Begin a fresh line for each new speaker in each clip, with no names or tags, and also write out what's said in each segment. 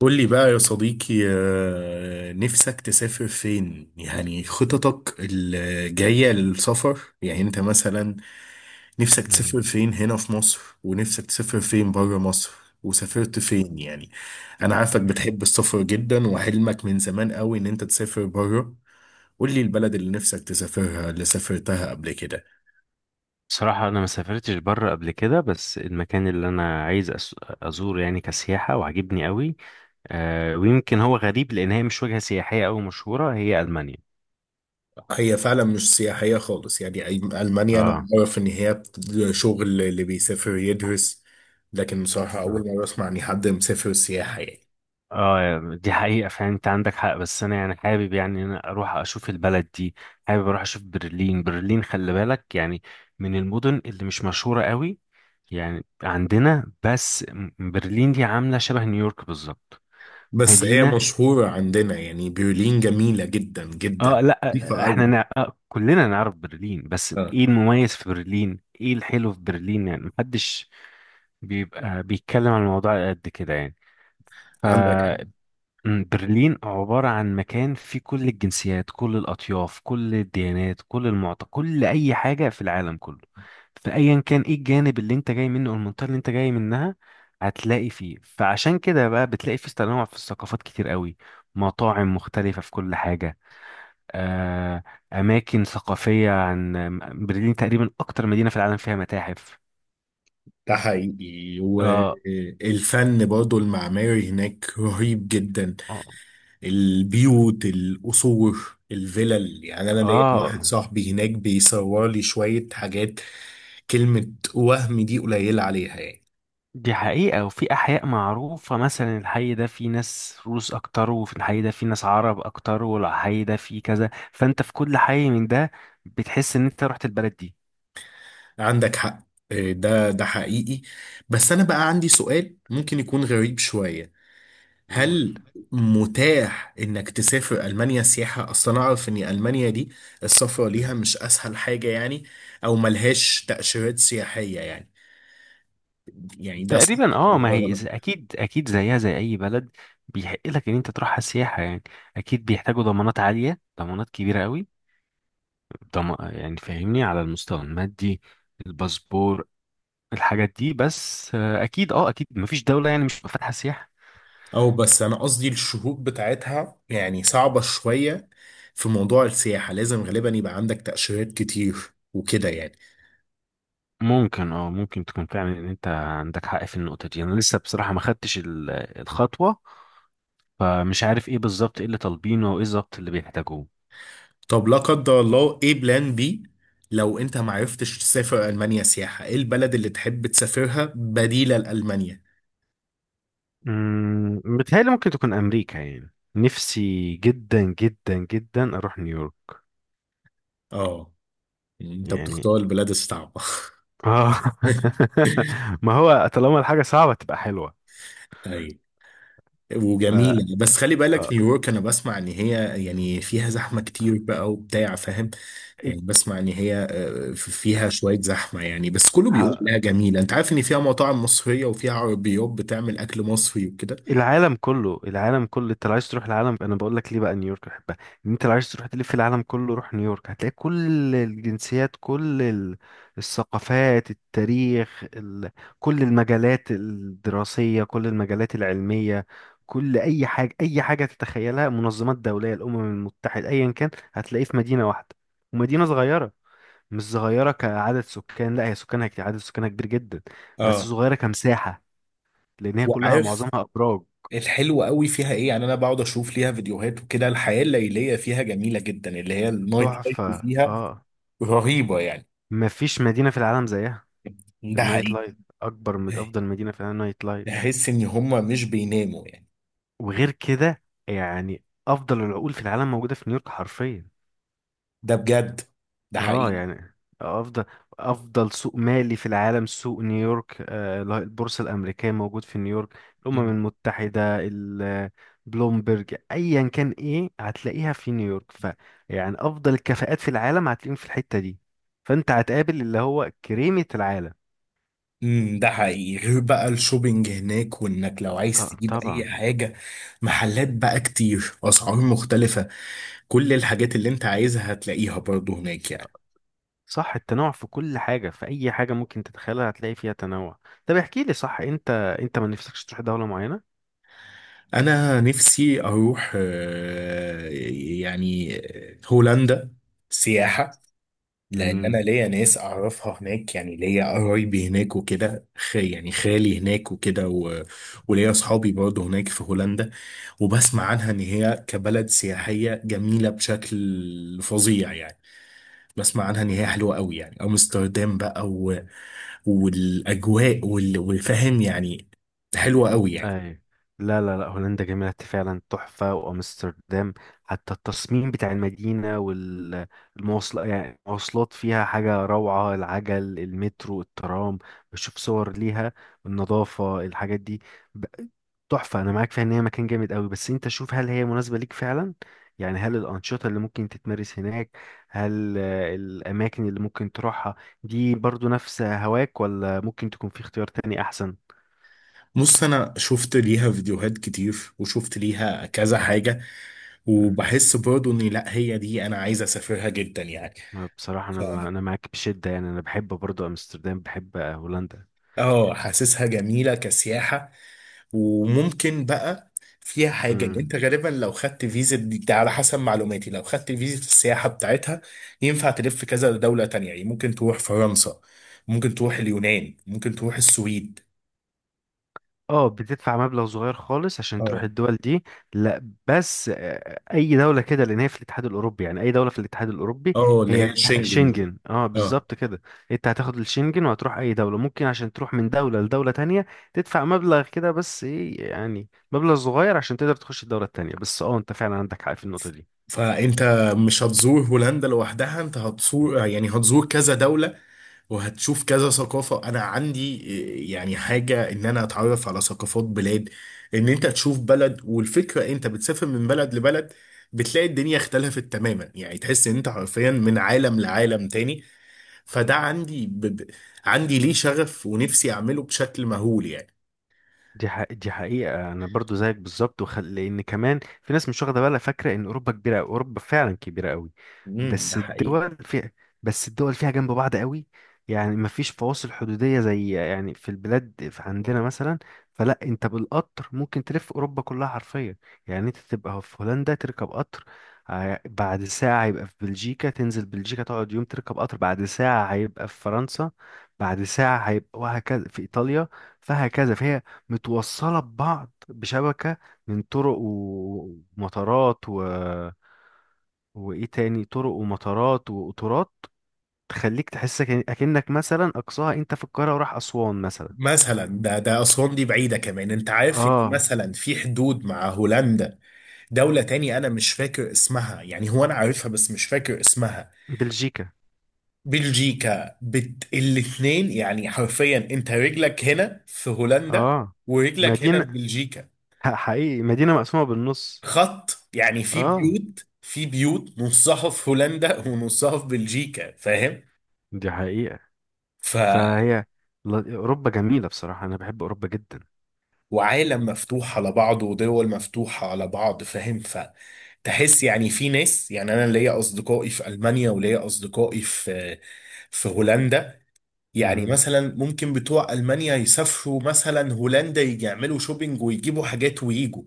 قول لي بقى يا صديقي، نفسك تسافر فين؟ يعني خططك الجاية للسفر، يعني انت مثلا نفسك
مم.
تسافر فين هنا في مصر، ونفسك تسافر فين بره مصر، وسافرت فين يعني. انا عارفك بتحب السفر جدا، وحلمك من زمان قوي ان انت تسافر بره. قول لي البلد اللي نفسك تسافرها، اللي سافرتها قبل كده.
بصراحة أنا ما سافرتش بره قبل كده، بس المكان اللي أنا عايز أزوره يعني كسياحة وعجبني قوي. ويمكن هو غريب، لأن هي مش وجهة سياحية أو مشهورة، هي ألمانيا.
هي فعلا مش سياحية خالص، يعني ألمانيا أنا
آه.
أعرف إن هي شغل اللي بيسافر يدرس. لكن بصراحة أول مرة أسمع إن حد مسافر سياحة يعني.
آه. دي حقيقة، فعلا أنت عندك حق، بس أنا يعني حابب، يعني أنا أروح أشوف البلد دي. حابب أروح أشوف برلين. برلين، خلي بالك، يعني من المدن اللي مش مشهورة قوي. يعني عندنا، بس برلين دي عاملة شبه نيويورك بالظبط.
بس هي
مدينة.
مشهورة عندنا، يعني برلين جميلة جدا جدا،
اه، لا،
نظيفة أوي.
احنا كلنا نعرف برلين، بس
آه.
ايه المميز في برلين، ايه الحلو في برلين؟ يعني محدش بيبقى بيتكلم عن الموضوع قد كده، يعني. ف
عندك حق.
برلين عبارة عن مكان فيه كل الجنسيات، كل الأطياف، كل الديانات، كل أي حاجة في العالم كله. فأيا كان ايه الجانب اللي انت جاي منه، أو المنطقة اللي انت جاي منها، هتلاقي فيه. فعشان كده بقى، بتلاقي فيه تنوع في الثقافات كتير قوي. مطاعم مختلفة في كل حاجة، آه، أماكن ثقافية برلين، تقريبا أكتر مدينة في العالم فيها متاحف.
ده حقيقي،
آه.
والفن برضو المعماري هناك رهيب جدا،
آه.
البيوت، القصور، الفلل، يعني أنا ليا واحد
آه،
صاحبي هناك بيصور لي شوية حاجات، كلمة وهم دي قليلة عليها يعني.
دي حقيقة، وفي أحياء معروفة مثلا الحي ده فيه ناس روس أكتر، وفي الحي ده فيه ناس عرب أكتر، والحي ده فيه كذا، فأنت في كل حي من ده بتحس إن أنت رحت البلد دي.
عندك حق، ده حقيقي. بس أنا بقى عندي سؤال ممكن يكون غريب شوية.
قول.
هل متاح إنك تسافر ألمانيا سياحة؟ أصل أنا أعرف إن ألمانيا دي السفر ليها مش أسهل حاجة يعني، أو ملهاش تأشيرات سياحية يعني. يعني ده صح
تقريبا،
ولا
ما
ده
هي
غلط؟
اكيد اكيد زيها زي اي بلد. بيحق لك ان انت تروحها سياحه، يعني اكيد بيحتاجوا ضمانات عاليه، ضمانات كبيره قوي. يعني فاهمني على المستوى المادي، الباسبور، الحاجات دي. بس اكيد اكيد مفيش دولة يعني مش فاتحة سياحة.
أو بس أنا قصدي الشروط بتاعتها يعني صعبة شوية. في موضوع السياحة لازم غالبا يبقى عندك تأشيرات كتير وكده يعني.
ممكن تكون فعلا ان انت عندك حق في النقطة دي. انا لسه بصراحة ما خدتش الخطوة، فمش عارف ايه بالظبط، ايه اللي طالبينه وايه بالظبط اللي بيحتاجوه.
طب لا قدر الله، ايه بلان بي؟ لو انت ما عرفتش تسافر المانيا سياحه، ايه البلد اللي تحب تسافرها بديله لالمانيا؟
متهيألي ممكن تكون امريكا، يعني نفسي جدا جدا جدا اروح نيويورك.
اه، يعني انت
يعني.
بتختار البلاد الصعبه.
اه. ما هو طالما الحاجة صعبة تبقى حلوة.
ايوه
ف
وجميله، بس خلي بالك،
آه،
نيويورك انا بسمع ان هي يعني فيها زحمه كتير بقى وبتاع، فاهم؟ يعني بسمع ان هي فيها شويه زحمه يعني، بس كله بيقول
ه-
عليها جميله. انت عارف ان فيها مطاعم مصريه، وفيها عربيات بتعمل اكل مصري وكده.
العالم كله، العالم كله، انت لو عايز تروح العالم، انا بقول لك ليه بقى نيويورك بحبها. ان انت لو عايز تروح تلف العالم كله، روح نيويورك، هتلاقي كل الجنسيات، كل الثقافات، التاريخ، كل المجالات الدراسية، كل المجالات العلمية، كل اي حاجة، اي حاجة تتخيلها، منظمات دولية، الامم المتحدة، ايا كان هتلاقيه في مدينة واحدة. ومدينة صغيرة. مش صغيرة كعدد سكان، لا، هي سكانها كتير، عدد سكانها كبير جدا، بس
اه،
صغيرة كمساحة، لان هي كلها
وعارف
معظمها ابراج.
الحلو قوي فيها ايه؟ يعني انا بقعد اشوف ليها فيديوهات وكده، الحياه الليليه فيها جميله جدا، اللي هي النايت لايف
تحفة.
فيها
اه.
رهيبه يعني.
مفيش مدينة في العالم زيها في
ده
النايت
حقيقي،
لايف. أكبر من، أفضل مدينة في العالم نايت لايف.
تحس ان هم مش بيناموا يعني.
وغير كده، يعني أفضل العقول في العالم موجودة في نيويورك حرفيا.
ده بجد، ده
اه
حقيقي.
يعني أفضل أفضل سوق مالي في العالم، سوق نيويورك، البورصة الأمريكية موجود في نيويورك. الأمم
امم.
المتحدة، بلومبرج، أيا كان إيه، هتلاقيها في نيويورك. يعني أفضل الكفاءات في العالم هتلاقيهم في الحتة دي. فأنت هتقابل اللي هو كريمة العالم.
ده حقيقي، غير بقى الشوبينج هناك، وانك لو عايز
ط-
تجيب
طبعا.
اي حاجه، محلات بقى كتير، اسعار مختلفه، كل الحاجات اللي انت عايزها هتلاقيها برضو هناك يعني.
صح، التنوع في كل حاجة، في أي حاجة ممكن تتخيلها هتلاقي فيها تنوع. طب احكي لي، صح، أنت ما نفسكش تروح دولة معينة؟
انا نفسي اروح يعني هولندا سياحة. لان انا
مم.
ليا ناس اعرفها هناك، يعني ليا قرايبي هناك وكده، يعني خالي هناك وكده وليا اصحابي برضه هناك في هولندا. وبسمع عنها ان هي كبلد سياحية جميلة بشكل فظيع يعني. بسمع عنها ان هي حلوة قوي يعني، امستردام بقى والاجواء وفاهم يعني، حلوة قوي يعني.
ايوه، لا، لا، لا، هولندا جميلة فعلا تحفة، وأمستردام. حتى التصميم بتاع المدينة والمواصلات، يعني المواصلات فيها حاجة روعة، العجل، المترو، الترام، بشوف صور ليها، النظافة، الحاجات دي. ب- تحفة. أنا معاك فيها إن هي مكان جامد قوي، بس أنت شوف هل هي مناسبة ليك فعلا. يعني هل الأنشطة اللي ممكن تتمارس هناك، هل الأماكن اللي ممكن تروحها دي برضو نفس هواك، ولا ممكن تكون في اختيار تاني أحسن؟
بص، انا شفت ليها فيديوهات كتير، وشفت ليها كذا حاجة، وبحس برضو ان لا، هي دي انا عايز اسافرها جدا يعني.
ما بصراحة أنا
فعلا،
أنا معاك بشدة، يعني أنا بحب برضو أمستردام، بحب هولندا.
اه، حاسسها جميلة كسياحة. وممكن بقى فيها حاجة، ان
امم.
انت غالبا لو خدت فيزا دي، ده على حسب معلوماتي، لو خدت فيزا السياحة بتاعتها ينفع تلف كذا دولة تانية يعني. ممكن تروح فرنسا، ممكن تروح اليونان، ممكن تروح السويد.
اه، بتدفع مبلغ صغير خالص عشان تروح
اه.
الدول دي. لا، بس أي دولة كده، لأن هي في الاتحاد الأوروبي، يعني أي دولة في الاتحاد الأوروبي
اه، اللي
هي
هي
لها
شنجن.
شنجن، اه،
اه.
بالظبط كده. أنت هتاخد الشنجن، وهتروح أي دولة ممكن. عشان تروح من دولة لدولة تانية، تدفع مبلغ كده، بس إيه يعني، مبلغ صغير عشان تقدر تخش الدولة التانية. بس اه، أنت فعلا عندك حق في النقطة دي.
فانت مش هتزور هولندا لوحدها، انت هتزور، يعني هتزور كذا دولة، وهتشوف كذا ثقافة. انا عندي يعني حاجة ان انا اتعرف على ثقافات بلاد، ان انت تشوف بلد، والفكرة انت بتسافر من بلد لبلد، بتلاقي الدنيا اختلفت تماما يعني، تحس ان انت حرفيا من عالم لعالم تاني. فده عندي عندي ليه شغف، ونفسي اعمله بشكل مهول يعني.
دي حقيقة، دي حقيقة، أنا برضو زيك بالظبط. لأن كمان في ناس مش واخدة بالها، فاكرة إن أوروبا كبيرة أوي. أوروبا فعلا كبيرة أوي.
امم، ده
بس
حقيقي.
الدول في... بس الدول فيها جنب بعض أوي. يعني مفيش فواصل حدودية زي، يعني في البلاد، في عندنا مثلا. فلا، أنت بالقطر ممكن تلف أوروبا كلها حرفيا. يعني أنت تبقى في هولندا، تركب قطر، بعد ساعة هيبقى في بلجيكا، تنزل بلجيكا، تقعد يوم، تركب قطر، بعد ساعة هيبقى في فرنسا، بعد ساعة هيبقى وهكذا في إيطاليا. فهكذا، فهي متوصلة ببعض بشبكة من طرق ومطارات وإيه تاني، طرق ومطارات وقطارات تخليك تحس أكنك مثلا، أقصاها أنت في القاهرة، وراح أسوان مثلا.
مثلا ده أسوان دي بعيدة كمان. أنت عارف إن
آه.
مثلا في حدود مع هولندا دولة تاني أنا مش فاكر اسمها، يعني هو أنا عارفها بس مش فاكر اسمها.
بلجيكا.
بلجيكا. الاتنين يعني حرفيا، أنت رجلك هنا في هولندا
آه.
ورجلك هنا في
مدينة.
بلجيكا.
حقيقي، مدينة مقسومة بالنص.
خط، يعني في
آه،
بيوت في بيوت نصها في هولندا ونصها في بلجيكا، فاهم؟
دي حقيقة. فهي أوروبا جميلة، بصراحة أنا بحب أوروبا جدا.
وعالم مفتوح على بعض، ودول مفتوحة على بعض، فاهم؟ فتحس، يعني في ناس، يعني أنا ليا أصدقائي في ألمانيا، وليا أصدقائي في هولندا. يعني
مم.
مثلا ممكن بتوع ألمانيا يسافروا مثلا هولندا، يجي يعملوا شوبينج ويجيبوا حاجات ويجوا،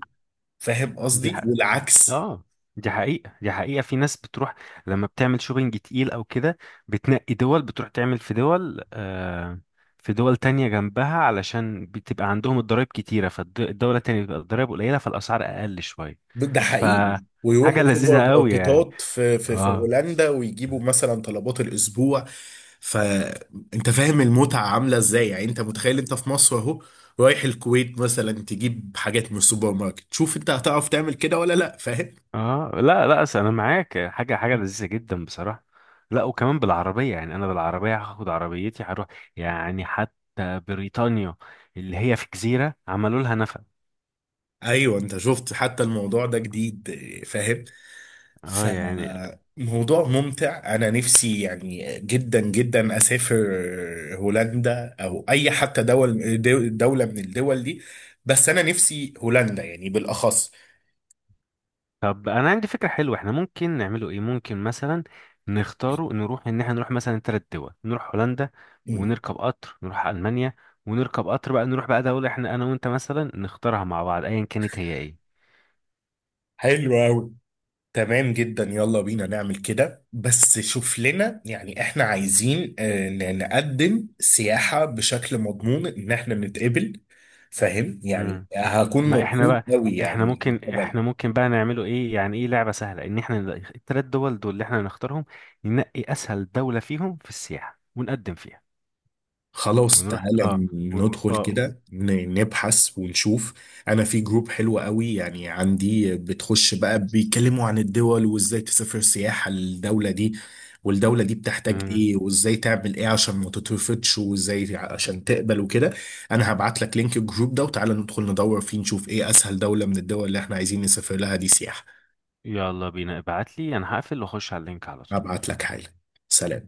فاهم
دي
قصدي؟
حقيقة،
والعكس.
اه دي حقيقة، دي حقيقة، في ناس بتروح لما بتعمل شوبينج تقيل او كده، بتنقي دول، بتروح تعمل في دول في دول تانية جنبها، علشان بتبقى عندهم الضرايب كتيرة، فالدولة التانية بتبقى الضرايب قليلة، فالأسعار أقل شوية.
ده حقيقي.
فحاجة
ويروحوا سوبر
لذيذة قوي، يعني.
ماركتات في
اه.
هولندا، ويجيبوا مثلا طلبات الاسبوع. فانت فاهم المتعه عامله ازاي؟ يعني انت متخيل انت في مصر اهو، رايح الكويت مثلا تجيب حاجات من السوبر ماركت؟ شوف انت هتعرف تعمل كده ولا لا، فاهم؟
اه، لا، لا، أصل انا معاك، حاجه حاجه لذيذه جدا بصراحه. لا، وكمان بالعربيه، يعني انا بالعربيه هاخد عربيتي هروح، يعني حتى بريطانيا اللي هي في جزيره، عملوا لها نفق.
ايوه، انت شفت حتى الموضوع ده جديد، فاهم؟ ف
اه، يعني.
موضوع ممتع. انا نفسي يعني جدا جدا اسافر هولندا، او اي حتى دولة من الدول دي، بس انا نفسي هولندا يعني بالاخص.
طب انا عندي فكره حلوه، احنا ممكن نعمله ايه؟ ممكن مثلا نختاره، نروح، ان احنا نروح مثلا ثلاث دول، نروح هولندا،
مم.
ونركب قطر نروح المانيا، ونركب قطر بقى نروح بقى دوله احنا انا وانت مثلا نختارها مع بعض، ايا كانت هي.
حلو قوي. تمام جدا، يلا بينا نعمل كده. بس شوف لنا، يعني احنا عايزين نقدم سياحة بشكل مضمون ان احنا نتقبل، فاهم؟ يعني
ايه.
هكون
ما احنا
مبسوط
بقى،
قوي
احنا
يعني.
ممكن احنا ممكن بقى نعمله ايه يعني، ايه لعبة سهلة ان احنا نلاقي التلات دول، دول اللي احنا نختارهم، ننقي اسهل دولة فيهم في السياحة ونقدم فيها،
خلاص،
ونروح.
تعالى
اه. و...
ندخل
اه.
كده نبحث ونشوف. انا في جروب حلو قوي يعني عندي، بتخش بقى بيتكلموا عن الدول وازاي تسافر سياحة للدولة دي، والدولة دي بتحتاج
مم.
ايه، وازاي تعمل ايه عشان ما تترفضش، وازاي عشان تقبل وكده. انا هبعت لك لينك الجروب ده، وتعالى ندخل ندور فيه نشوف ايه اسهل دولة من الدول اللي احنا عايزين نسافر لها دي سياحة.
يلا بينا، ابعت لي، انا هقفل واخش على اللينك على طول.
هبعت لك حالا. سلام.